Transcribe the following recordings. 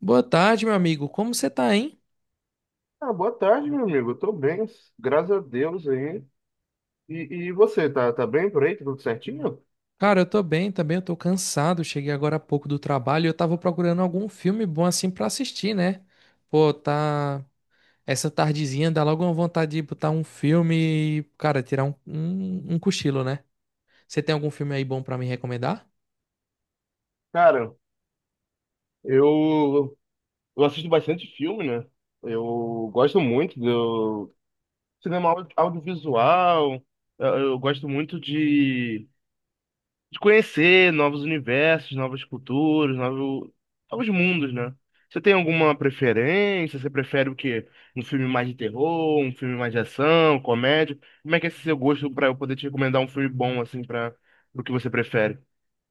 Boa tarde, meu amigo. Como você tá, hein? Ah, boa tarde, meu amigo. Eu tô bem, graças a Deus aí. E você, tá bem por aí? Tá tudo certinho? Cara, eu tô bem também, eu tô cansado. Cheguei agora há pouco do trabalho e eu tava procurando algum filme bom assim pra assistir, né? Pô, tá. Essa tardezinha dá logo uma vontade de botar um filme e, cara, tirar um cochilo, né? Você tem algum filme aí bom pra me recomendar? Cara, eu, eu assisto bastante filme, né? Eu gosto muito do cinema audiovisual. Eu gosto muito de conhecer novos universos, novas culturas, novos mundos, né? Você tem alguma preferência? Você prefere o quê? Um filme mais de terror, um filme mais de ação, comédia? Como é que é esse seu gosto pra eu poder te recomendar um filme bom, assim, para o que você prefere?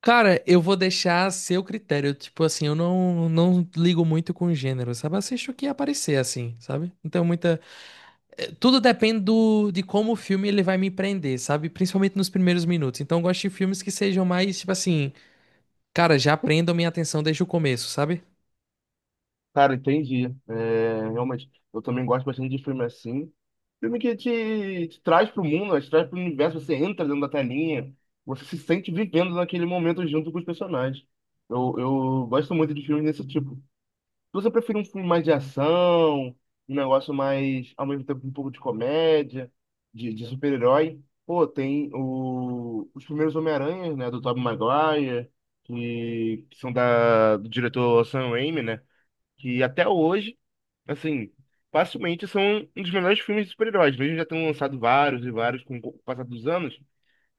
Cara, eu vou deixar a seu critério. Tipo assim, eu não ligo muito com gênero, sabe? Assisto o que aparecer, assim, sabe? Não tenho muita. Tudo depende do, de como o filme ele vai me prender, sabe? Principalmente nos primeiros minutos. Então eu gosto de filmes que sejam mais, tipo assim, cara, já prendam minha atenção desde o começo, sabe? Cara, entendi. É, realmente, eu também gosto bastante de filme assim. Filme que te traz pro mundo, né? Te traz pro universo, você entra dentro da telinha, você se sente vivendo naquele momento junto com os personagens. Eu gosto muito de filmes desse tipo. Você prefere um filme mais de ação, um negócio mais, ao mesmo tempo, um pouco de comédia, de super-herói? Pô, tem o, os primeiros Homem-Aranhas, né, do Tobey Maguire, que são da, do diretor Sam Raimi, né, que até hoje, assim, facilmente são um dos melhores filmes de super-heróis. Mesmo já tendo lançado vários e vários com o passar dos anos,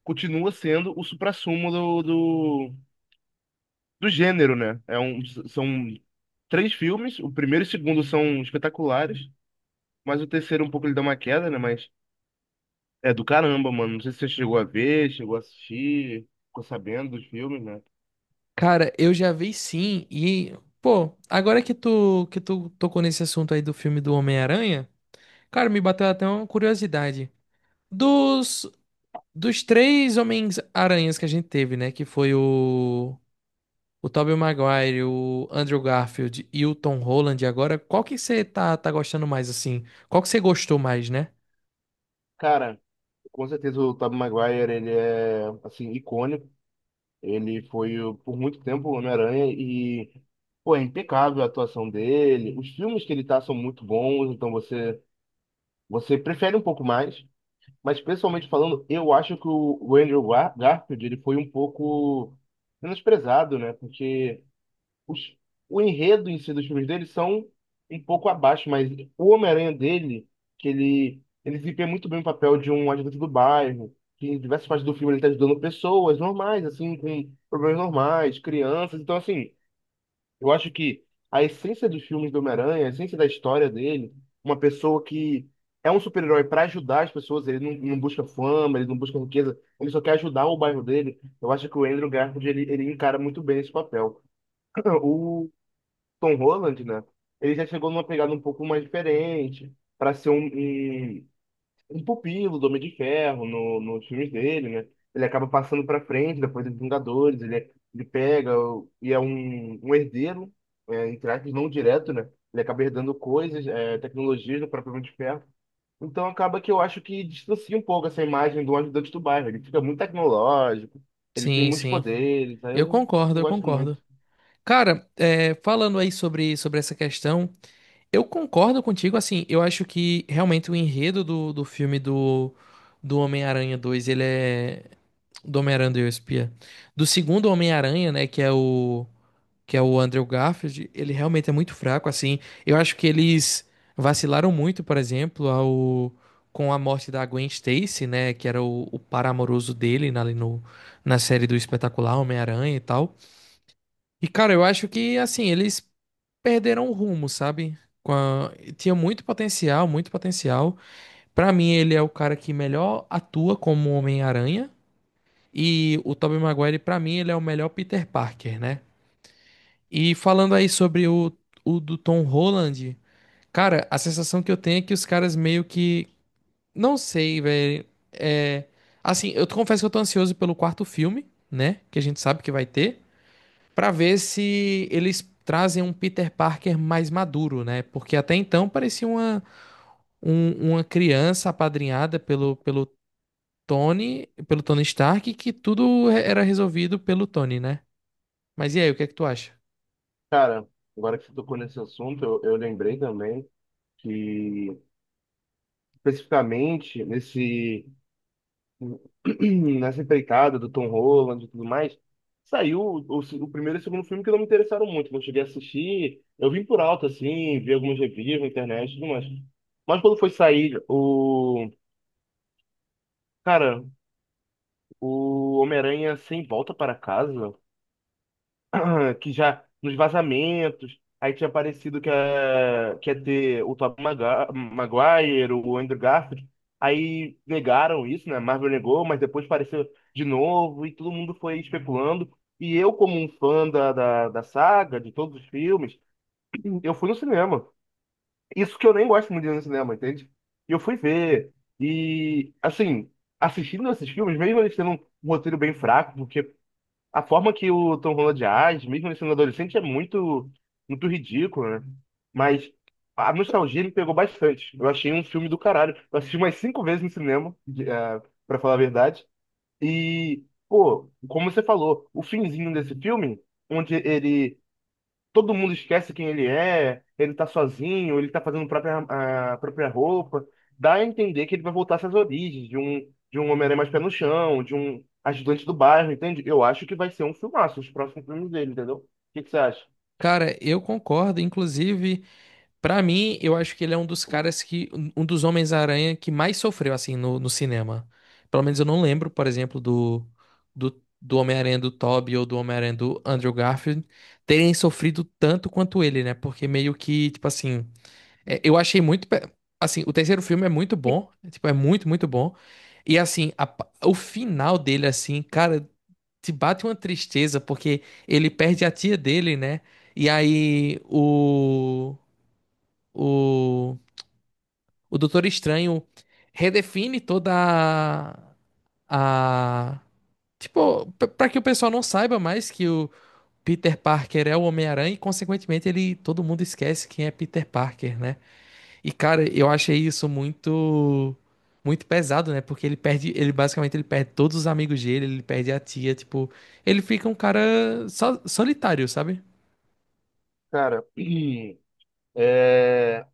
continua sendo o suprassumo do, do gênero, né? É um, são três filmes, o primeiro e o segundo são espetaculares, mas o terceiro um pouco ele dá uma queda, né? Mas é do caramba, mano. Não sei se você chegou a ver, chegou a assistir, ficou sabendo dos filmes, né? Cara, eu já vi sim e, pô, agora que tu tocou nesse assunto aí do filme do Homem-Aranha, cara, me bateu até uma curiosidade. Dos dos três Homens-Aranhas que a gente teve, né, que foi o Tobey Maguire, o Andrew Garfield e o Tom Holland agora, qual que você tá gostando mais, assim? Qual que você gostou mais, né? Cara, com certeza o Tobey Maguire, ele é, assim, icônico. Ele foi, por muito tempo, o Homem-Aranha e, pô, é impecável a atuação dele. Os filmes que ele tá são muito bons, então você, você prefere um pouco mais. Mas pessoalmente falando, eu acho que o Andrew Garfield ele foi um pouco menosprezado, né? Porque os, o enredo em si dos filmes dele são um pouco abaixo, mas o Homem-Aranha dele, que ele desempenha muito bem o papel de um ajudante do bairro, que em diversas partes do filme ele está ajudando pessoas normais, assim, com problemas normais, crianças. Então, assim, eu acho que a essência dos filmes do Homem-Aranha, a essência da história dele, uma pessoa que é um super-herói para ajudar as pessoas, ele não, não busca fama, ele não busca riqueza, ele só quer ajudar o bairro dele. Eu acho que o Andrew Garfield ele encara muito bem esse papel. O Tom Holland, né? Ele já chegou numa pegada um pouco mais diferente, para ser um pupilo do Homem de Ferro no, nos filmes dele, né? Ele acaba passando pra frente depois dos Vingadores, ele, ele pega e é um herdeiro, é, entre aspas, não direto, né? Ele acaba herdando coisas, é, tecnologias do próprio Homem de Ferro. Então acaba que eu acho que distancia um pouco essa imagem do ajudante do bairro. Ele fica muito tecnológico, ele tem Sim, muitos sim. poderes, aí eu Eu não, concordo, não eu gosto muito. concordo. Cara, é, falando aí sobre essa questão, eu concordo contigo, assim, eu acho que realmente o enredo do filme do, do Homem-Aranha 2, ele é... Do Homem-Aranha e o Espia. Do segundo Homem-Aranha, né, que é o Andrew Garfield, ele realmente é muito fraco, assim. Eu acho que eles vacilaram muito, por exemplo, ao, com a morte da Gwen Stacy, né, que era o par amoroso dele na, ali no, na série do Espetacular Homem-Aranha e tal. E, cara, eu acho que, assim, eles perderam o rumo, sabe? Com a... Tinha muito potencial, muito potencial. Pra mim, ele é o cara que melhor atua como Homem-Aranha. E o Tobey Maguire, pra mim, ele é o melhor Peter Parker, né? E falando aí sobre o do Tom Holland, cara, a sensação que eu tenho é que os caras meio que. Não sei, velho. É. Assim, eu confesso que eu tô ansioso pelo quarto filme, né? Que a gente sabe que vai ter. Pra ver se eles trazem um Peter Parker mais maduro, né? Porque até então parecia uma, um- uma criança apadrinhada pelo Tony, pelo Tony Stark, que tudo era resolvido pelo Tony, né? Mas e aí, o que é que tu acha? Cara, agora que você tocou nesse assunto, eu lembrei também que, especificamente, nesse nessa empreitada do Tom Holland e tudo mais, saiu o primeiro e o segundo filme que não me interessaram muito. Não cheguei a assistir. Eu vim por alto, assim, vi alguns reviews na internet e tudo mais. Mas quando foi sair o. Cara, o Homem-Aranha Sem Volta para Casa. Que já nos vazamentos, aí tinha parecido que ia ter o Tobey Maguire, o Andrew Garfield, aí negaram isso, né? Marvel negou, mas depois apareceu de novo e todo mundo foi especulando. E eu, como um fã da saga, de todos os filmes, eu fui no cinema. Isso que eu nem gosto muito de ir no cinema, entende? E eu fui ver. E, assim, assistindo esses filmes, mesmo eles tendo um roteiro bem fraco, porque a forma que o Tom Holland age, mesmo ele sendo adolescente, é muito ridícula, né? Mas a nostalgia me pegou bastante. Eu achei um filme do caralho. Eu assisti umas cinco vezes no cinema, pra falar a verdade. E, pô, como você falou, o finzinho desse filme, onde ele todo mundo esquece quem ele é, ele tá sozinho, ele tá fazendo própria, a própria roupa. Dá a entender que ele vai voltar às suas origens, de um Homem-Aranha mais pé no chão, de um ajudante do bairro, entende? Eu acho que vai ser um filmaço, os próximos filmes dele, entendeu? O que que você acha? Cara, eu concordo, inclusive. Pra mim, eu acho que ele é um dos caras que. Um dos Homens-Aranha que mais sofreu, assim, no cinema. Pelo menos eu não lembro, por exemplo, do Homem-Aranha do Tobey ou do Homem-Aranha do Andrew Garfield terem sofrido tanto quanto ele, né? Porque meio que, tipo assim. É, eu achei muito. Pe- Assim, o terceiro filme é muito bom. É, tipo, é muito, muito bom. E, assim, a pa- o final dele, assim, cara, te bate uma tristeza, porque ele perde a tia dele, né? E aí, o. O Doutor Estranho redefine toda a- tipo, p- pra que o pessoal não saiba mais que o Peter Parker é o Homem-Aranha e consequentemente ele todo mundo esquece quem é Peter Parker, né? E cara, eu achei isso muito pesado, né? Porque ele perde, ele basicamente ele perde todos os amigos dele, ele perde a tia, tipo, ele fica um cara so- solitário, sabe? Cara, é,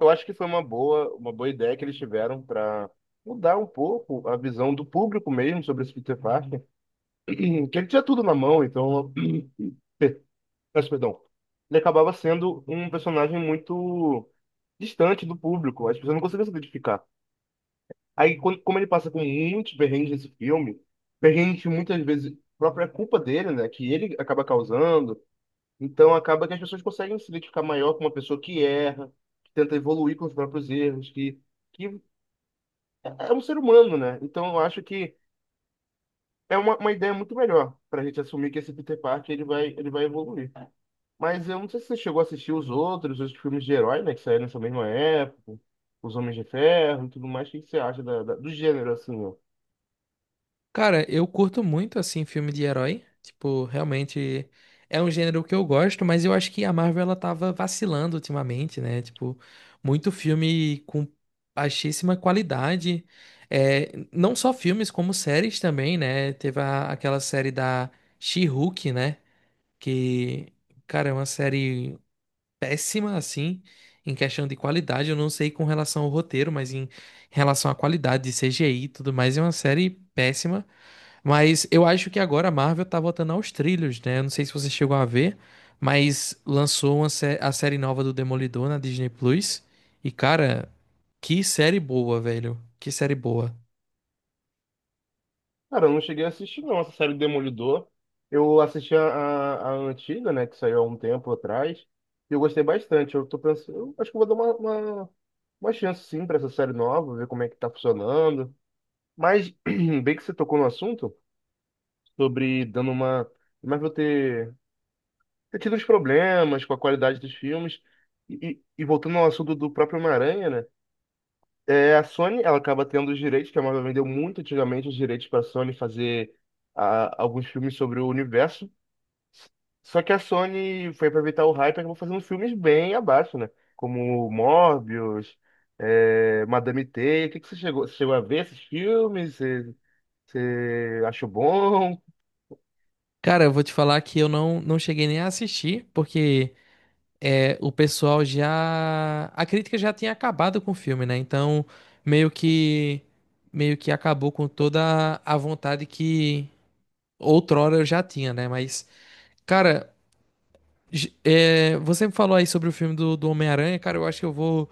eu acho que foi uma boa ideia que eles tiveram para mudar um pouco a visão do público mesmo sobre esse Peter Parker, que ele tinha tudo na mão, então perfeito, peço perdão. Ele acabava sendo um personagem muito distante do público. As pessoas não conseguiam se identificar. Aí, quando, como ele passa com muitos perrengues nesse filme, perrengues que muitas vezes própria culpa dele, né? Que ele acaba causando. Então, acaba que as pessoas conseguem se identificar maior com uma pessoa que erra, que tenta evoluir com os próprios erros, que é um ser humano, né? Então, eu acho que é uma ideia muito melhor para a gente assumir que esse Peter Parker ele vai evoluir. Mas eu não sei se você chegou a assistir os outros, os filmes de herói, né, que saíram nessa mesma época, os Homens de Ferro e tudo mais. O que que você acha da, do gênero, assim, ó? Cara, eu curto muito, assim, filme de herói. Tipo, realmente é um gênero que eu gosto, mas eu acho que a Marvel, ela tava vacilando ultimamente, né? Tipo, muito filme com baixíssima qualidade. É, não só filmes, como séries também, né? Teve a- aquela série da She-Hulk, né? Que, cara, é uma série péssima, assim, em questão de qualidade. Eu não sei com relação ao roteiro, mas em relação à qualidade de CGI e tudo mais, é uma série péssima. Mas eu acho que agora a Marvel tá voltando aos trilhos, né? Eu não sei se você chegou a ver, mas lançou uma sé- a série nova do Demolidor na Disney Plus. E, cara, que série boa, velho. Que série boa. Cara, eu não cheguei a assistir, não, essa série do Demolidor. Eu assisti a antiga, né, que saiu há um tempo atrás, e eu gostei bastante. Eu tô pensando, eu acho que eu vou dar uma chance, sim, pra essa série nova, ver como é que tá funcionando. Mas, bem que você tocou no assunto, sobre dando uma... Mas vou ter. Ter tido uns problemas com a qualidade dos filmes. E voltando ao assunto do próprio Homem-Aranha, né? É, a Sony, ela acaba tendo os direitos, que a Marvel vendeu muito antigamente os direitos para a Sony fazer ah, alguns filmes sobre o universo. Só que a Sony foi aproveitar o hype e acabou fazendo filmes bem abaixo, né? Como Morbius, é, Madame Teia. O que, que você chegou a ver esses filmes? Você, você achou bom? Cara, eu vou te falar que eu não cheguei nem a assistir, porque é, o pessoal já. A crítica já tinha acabado com o filme, né? Então, meio que. Meio que acabou com toda a vontade que outrora eu já tinha, né? Mas. Cara, J- é, você falou aí sobre o filme do, do Homem-Aranha, cara. Eu acho que eu vou,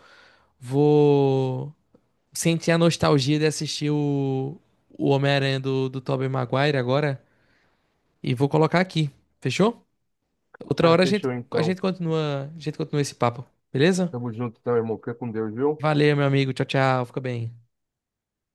vou sentir a nostalgia de assistir o Homem-Aranha do, do Tobey Maguire agora e vou colocar aqui. Fechou? Outra Cara, hora a gente, fechou a então. gente continua, a gente continua esse papo, beleza? Tamo junto então, irmão. Fica com Deus, viu? Valeu, meu amigo. Tchau, tchau. Fica bem.